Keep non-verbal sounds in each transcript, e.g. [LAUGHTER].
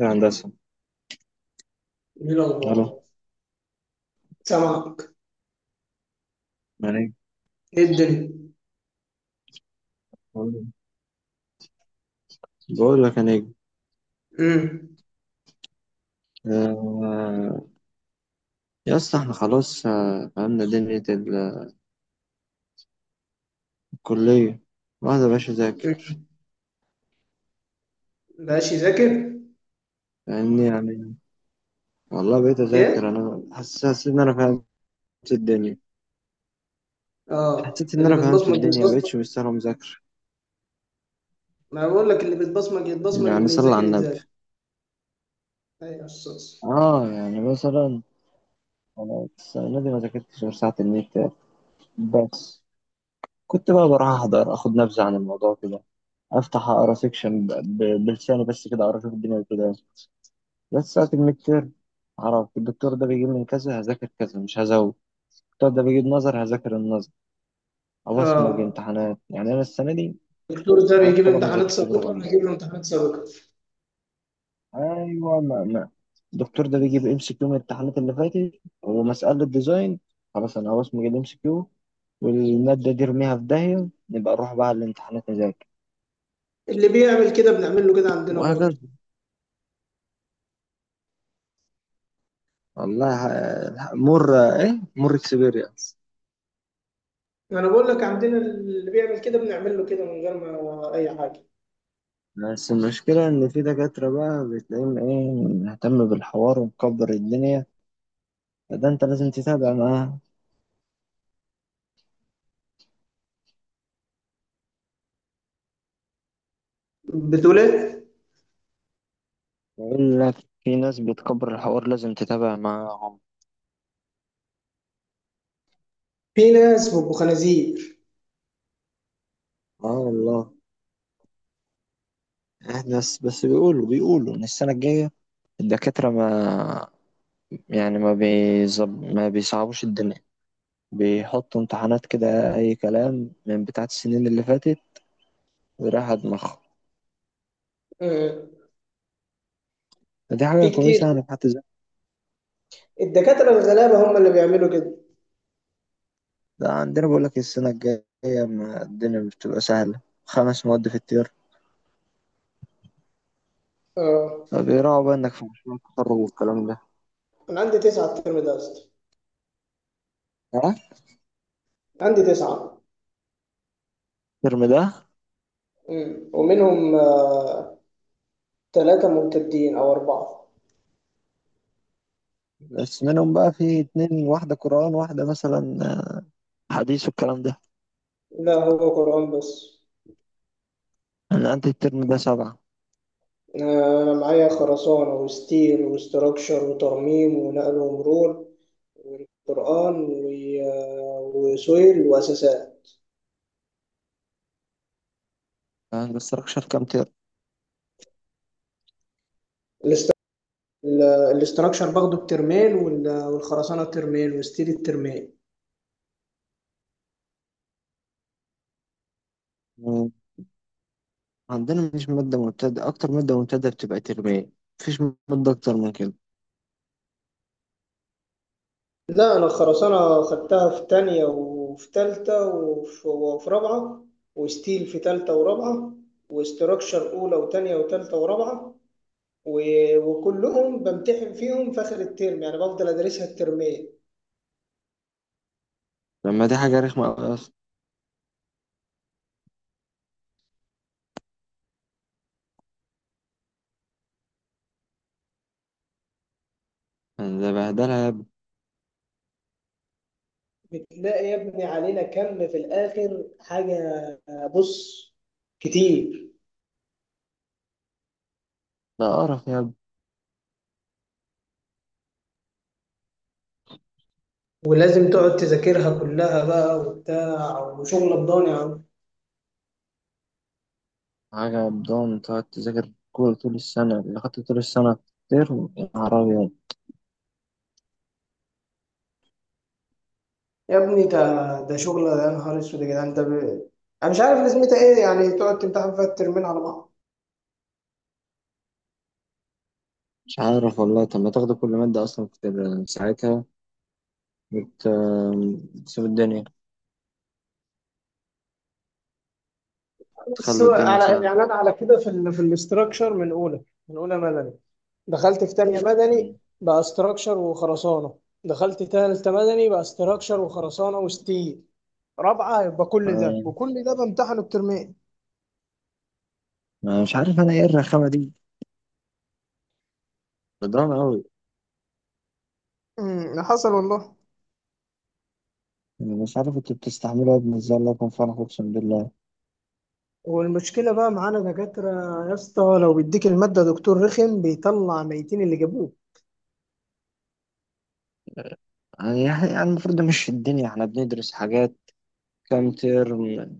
يا هندسة. ايه الو. الاخبار؟ سامعك. يا نجم. ايه الدنيا؟ بقول بقول لك يا نجم. امم. آه. يا اسطى، احنا خلاص، آه، فهمنا دنيا الكلية. واحد يا باشا ذاكر مبقاش يذاكر. لأني يعني والله بقيت ايه؟ أذاكر أنا حسيت إن أنا فهمت الدنيا. اه، اللي بتبصمج بتبصمج. مبقتش مستاهل مذاكرة. ما بقول لك، اللي بتبصمج يتبصمج يعني واللي صلى يذاكر على النبي. يتذاكر. ايوه يا استاذ. آه يعني مثلا، أنا السنة دي ما ذاكرتش غير ساعة النت بس. كنت بقى بروح أحضر، أخد نبذة عن الموضوع كده، أفتح أقرأ سيكشن بلساني بس كده، أعرف الدنيا كده. بس في الميد تيرم اعرف الدكتور ده بيجيب من كذا، هذاكر كذا مش هزود. الدكتور ده بيجيب نظر، هذاكر النظر. ابصمج اه، امتحانات. يعني انا السنه دي الدكتور ده انا بيجيب الطلبه مذاكر امتحانات تجربه سابقه، دي. هجيب له امتحانات سابقه. ايوه، ما الدكتور ده بيجيب ام سي كيو من الامتحانات اللي فاتت ومساله ديزاين. خلاص انا هبصمج الام سي كيو والماده دي ارميها في داهيه، نبقى نروح بقى الامتحانات نذاكر. اللي بيعمل كده بنعمل له كده عندنا وهكذا. برضه. والله ح- مر ايه مر اكسبيرينس. انا بقول لك عندنا اللي بيعمل كده بنعمل له كده من غير ما اي حاجه. بس المشكلة إن في دكاترة بقى بتلاقيهم إيه، مهتم بالحوار ومكبر الدنيا، فده أنت لازم تتابع معاهم. بتقول ايه؟ يقول لك في ناس بتكبر الحوار لازم تتابع معاهم. في ناس بيبقوا خنازير. آه والله. إحنا بس بيقولوا إن السنة الجاية الدكاترة ما، يعني ما بيصعبوش الدنيا، بيحطوا امتحانات كده أي كلام من بتاعت السنين اللي فاتت ورايح على دماغهم. آه. فدي حاجة في كتير. كويسة. يعني في حد. الدكاتره الغلابه هم اللي بيعملوا كده. ده عندنا بقول لك السنة الجاية ما الدنيا مش بتبقى سهلة، خمس مواد في الترم، اه، فبيراعوا بقى إنك في مشروع التخرج والكلام ده. أنا عندي تسعة الترم ده يا اسطى. ها. عندي تسعة. الترم ده ومنهم ثلاثة ممتدين أو أربعة. بس منهم بقى في اتنين، واحدة قرآن واحدة مثلا حديث والكلام ده. لا، هو قرآن بس. أنا عندي الترم ده سبعة. أنا معايا خرسانة وستيل وستراكشر وترميم ونقل ومرور والقرآن وسويل وأساسات. أنا مستركش في كام ترم. الاست- ال- الاستراكشر باخده بترمين والخرسانة بترمين وستيل الترمين. عندنا مش مادة مبتدأ، أكتر مادة مبتدأ بتبقى ترمين، مفيش مادة أكتر من كده. لا، أنا الخرسانة خدتها في تانية وفي تالتة وفي رابعة، وستيل في تالتة ورابعة، واستراكشر أولى وتانية وتالتة ورابعة، وكلهم بمتحن فيهم في آخر الترم، يعني بفضل أدرسها الترمين. لما دي حاجة رخمة أوي أصلا، يعني ده بهدلها يا ابني. بتلاقي يا ابني علينا كم في الآخر حاجة. بص، كتير. ده قرف يا ابني. ولازم تقعد تذاكرها كلها بقى وبتاع وشغل الضاني. حاجة قدام تقعد تذاكر كورة طول السنة، اللي خدت طول السنة ترم، يا نهار أبيض. يا ابني ده شغل، ده يا نهار اسود يا جدعان، انا مش عارف لازمتها ايه، يعني تقعد تمتحن فيها الترمين على بعض. مش عارف والله. طب ما تاخدوا كل مادة أصلا في ساعتها؟ بت- بتسيب الدنيا، بس تخلوا هو الدنيا على سهلة. يعني انا على كده في الاستراكشر من اولى، مدني، دخلت في تانية مدني مم. بقى استراكشر وخرسانة، دخلت تالتة مدني بقى استراكشر وخرسانة وستيل، رابعة يبقى كل ده، آه، وكل ده بامتحن الترمين. أنا مش عارف أنا إيه الرخامة دي، بدران أوي. حصل والله. يعني مش عارف انتوا بتستحملوا يا ابني ازاي، الله يكون في عونك، اقسم بالله. والمشكلة بقى معانا دكاترة يا اسطى، لو بيديك المادة دكتور رخم بيطلع ميتين اللي جابوه. يعني المفروض ده، مش في الدنيا احنا بندرس حاجات كام ترم؟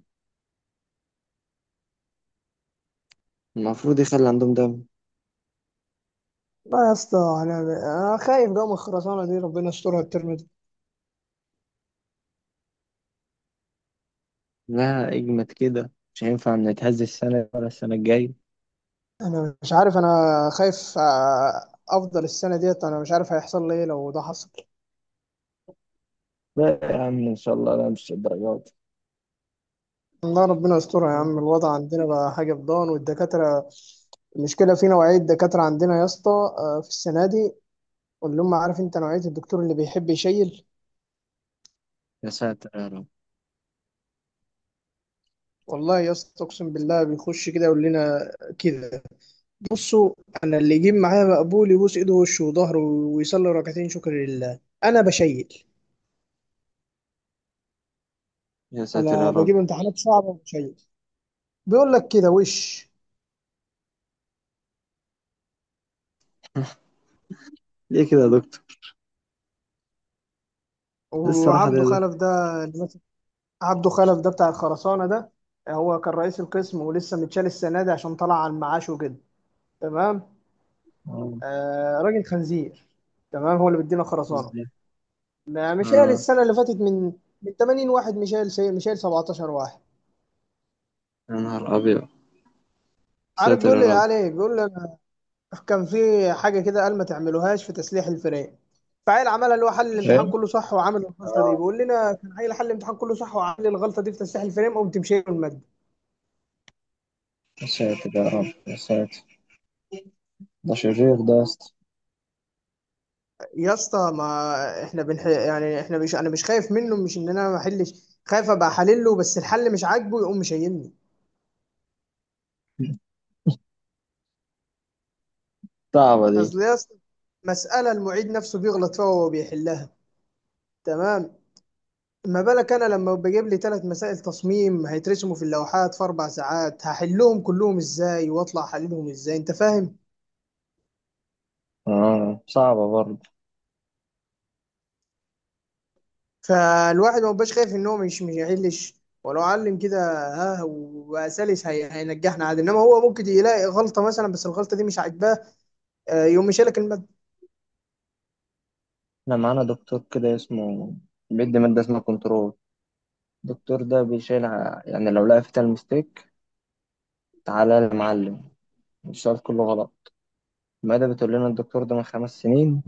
المفروض يخلي عندهم ده. لا يا اسطى، انا خايف جو من الخرسانه دي، ربنا يسترها الترم ده. لا اجمد كده، مش هينفع نتهز السنة ولا السنة الجاية. انا مش عارف، انا خايف، افضل السنه ديت، انا مش عارف هيحصل لي ايه لو ده حصل. لا يا عم ان شاء الله، لا مش الدرجات. الله، ربنا يسترها يا عم. الوضع عندنا بقى حاجه فضان، والدكاتره، المشكله في نوعيه دكاتره عندنا يا اسطى، في السنه دي اللي هم عارف انت نوعيه الدكتور اللي بيحب يشيل. يا ساتر يا رب. والله يا اسطى، اقسم بالله، بيخش كده يقول لنا كده. بصوا، انا اللي يجيب معايا مقبول يبوس ايده ووشه وظهره ويصلي ركعتين شكر لله، انا بشيل. يا ساتر يا انا بجيب رب. امتحانات صعبه وشيء. بيقول لك كده وش. ليه كده يا دكتور؟ ايه الصراحة دي يا وعبده دكتور؟ خلف ده اللي ماسك- عبده خلف ده بتاع الخرسانه ده، هو كان رئيس القسم ولسه متشال السنه دي عشان طلع على المعاش وكده. تمام. اه. آه، راجل خنزير. تمام، هو اللي بيدينا خرسانه. ازاي؟ مشال اه. السنه اللي فاتت من 80 واحد، مشال شيء، مشال 17 واحد. يا نهار ابيض. يا عارف ساتر بيقول يا لي رب. عليه، بيقول لي كان في حاجة كده، قال ما تعملوهاش في تسليح الفراخ، فعيل عملها، اللي هو حل الامتحان ايه. كله صح وعمل الغلطة دي، اه. بيقول لنا كان عيل حل الامتحان كله صح وعمل الغلطة دي في تسليح الفريم، قمت مشيله المادة. يا ساتر يا رب يا ساتر. ده شرير ده يا اسطى. يا اسطى، ما احنا بنح... يعني احنا مش، انا مش خايف منه، مش ان انا ما احلش، خايف ابقى حلله بس الحل مش عاجبه يقوم مشيلني. صعبة دي. اصل يا اسطى، مسألة المعيد نفسه بيغلط فيها وهو بيحلها. تمام، ما بالك انا لما بجيب لي ثلاث مسائل تصميم هيترسموا في اللوحات في 4 ساعات، هحلهم كلهم ازاي واطلع احللهم ازاي؟ انت فاهم. اه صعبة برضه. فالواحد ما بقاش خايف ان هو مش هيحلش ولو علم كده. ها، وسلس هي هينجحنا عادي، انما هو ممكن يلاقي غلطه مثلا بس الغلطه دي مش عاجباه، يقوم شايلك الماده. احنا معانا دكتور كده اسمه، بيدي مادة اسمها كنترول. الدكتور ده بيشيل يعني لو لقى فيها المستيك، تعالى يا معلم، السؤال كله غلط. المادة بتقول لنا الدكتور ده من خمس سنين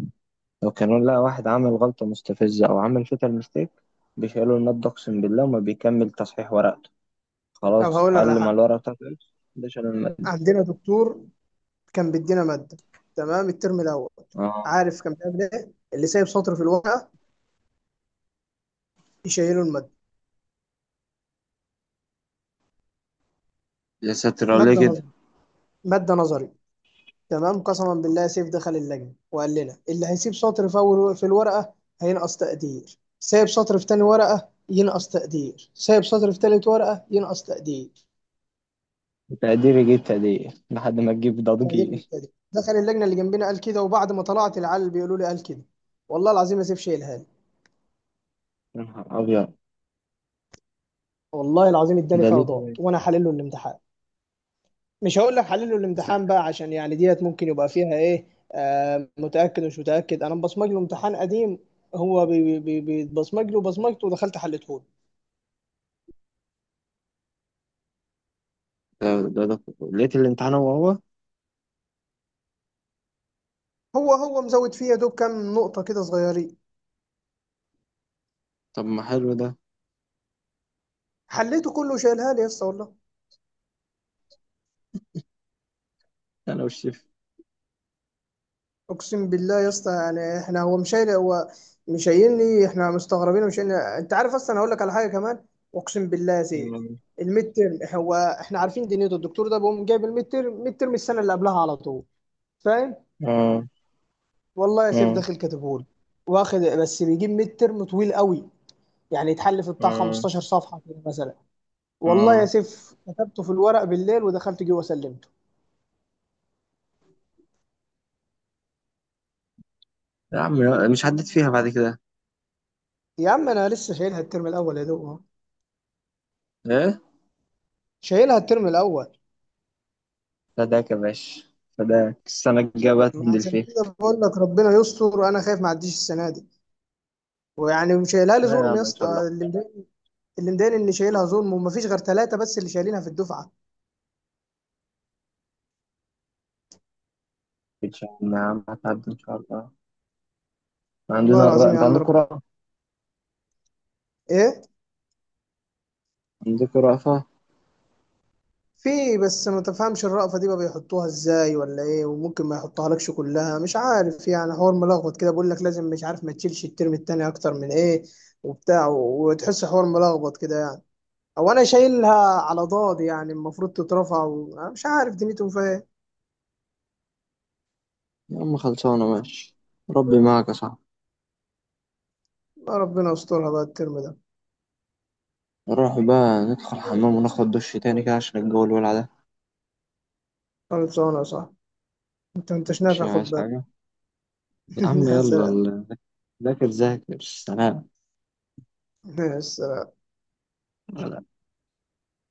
لو كانوا، لا واحد عمل غلطة مستفزة أو عمل فيتال ميستيك، بيشيلوا المادة أقسم بالله وما بيكمل تصحيح ورقته. طب خلاص، هقول لك على علم على حاجه. الورقة بتاعته. ده شال المادة. عندنا دكتور كان بيدينا ماده تمام الترم الاول. اه. عارف كان بيعمل ايه؟ اللي سايب سطر في الورقه يشيله الماده. يا ساتر عليه ماده كده. نظري، ماده نظري، تمام. قسما بالله سيف دخل اللجنة وقال لنا اللي هيسيب سطر في أول في الورقة هينقص تقدير، سايب سطر في تاني ورقة ينقص تقدير، سايب سطر في تالت ورقة ينقص تقدير، تقدير يجيب تقدير لحد ما تجيب تقدير ضجيج. بالتقدير. دخل اللجنة اللي جنبنا قال كده، وبعد ما طلعت العيال بيقولوا لي قال كده. والله العظيم ما سيف شايلها لي. يا نهار أبيض. والله العظيم اداني ده فيها ليه كده ضغط يا وانا حلله الامتحان. مش هقول لك حلله الامتحان ساتر. بقى عشان يعني ديت ممكن يبقى فيها ايه، آه متأكد ومش متأكد، انا مبصمج له امتحان قديم. هو بيتبصمج له بصمجته ودخلت حلته. ده ده لقيت الامتحان هو هو. هو مزود فيها دوب كام نقطة كده صغيرين. طب ما حلو ده. حليته كله، شايلها لي يا اسطى والله. أنا والشيف. اقسم بالله يا اسطى، يعني احنا هو مش شايل، هو مش شايلني، احنا مستغربين ومش شايلني. انت عارف اصلا، انا هقول لك على حاجة كمان. اقسم بالله يا سيد. مم. الميد تيرم، هو احنا عارفين دنيته الدكتور ده بيقوم جايب الميد تيرم، ميد تيرم السنة اللي قبلها على طول. فاهم. اه والله يا سيف اه داخل كاتبهولي واخد، بس بيجيب ميد تيرم طويل قوي، يعني يتحل في بتاع اه 15 صفحة كده مثلا. والله اه. يا سيف كتبته في الورق بالليل ودخلت جوه سلمته. يا عم، مش عديت فيها بعد كده؟ يا عم انا لسه شايلها الترم الاول يا دوب أهو. ايه. شايلها الترم الاول. فداك يا باشا. فداك، السنة الجاية بقى ما تنزل عشان فيها. كده بقول لك ربنا يستر وانا خايف ما اعديش السنه دي. ويعني شايلها لي لا يا ظلم يا عم ان اسطى، شاء الله. اللي مضايقني ان شايلها ظلم وما فيش غير ثلاثه بس اللي شايلينها في الدفعه. متقلقش يا عم، يا عم هتعدي ان شاء الله. والله عندنا العظيم يا انت عم رب. عندكوا رأفة. ايه؟ عندكوا رأفة. في، بس ما تفهمش الرأفة دي بقى بيحطوها ازاي ولا ايه، وممكن ما يحطها لكش كلها، مش عارف يعني حوار ملخبط كده، بقول لك لازم، مش عارف، ما تشيلش الترم التاني اكتر من ايه، وبتاع، وتحس حوار ملخبط كده يعني، او انا شايلها على ضاد، يعني المفروض تترفع أنا مش عارف دنيتهم فيها ايه. يا عم خلصانة ماشي. ربي معاك يا صاحبي. لا، ربنا يسترها بقى الترم ده. نروح بقى ندخل الحمام وناخد دش تاني كده عشان الجو الولع ده. خالد صانع صح؟ انت انتش مش نافع خد عايز بالك. حاجة. [LAUGHS] يا عم يا يلا سلام. ذاكر ذاكر سلام. يا سلام.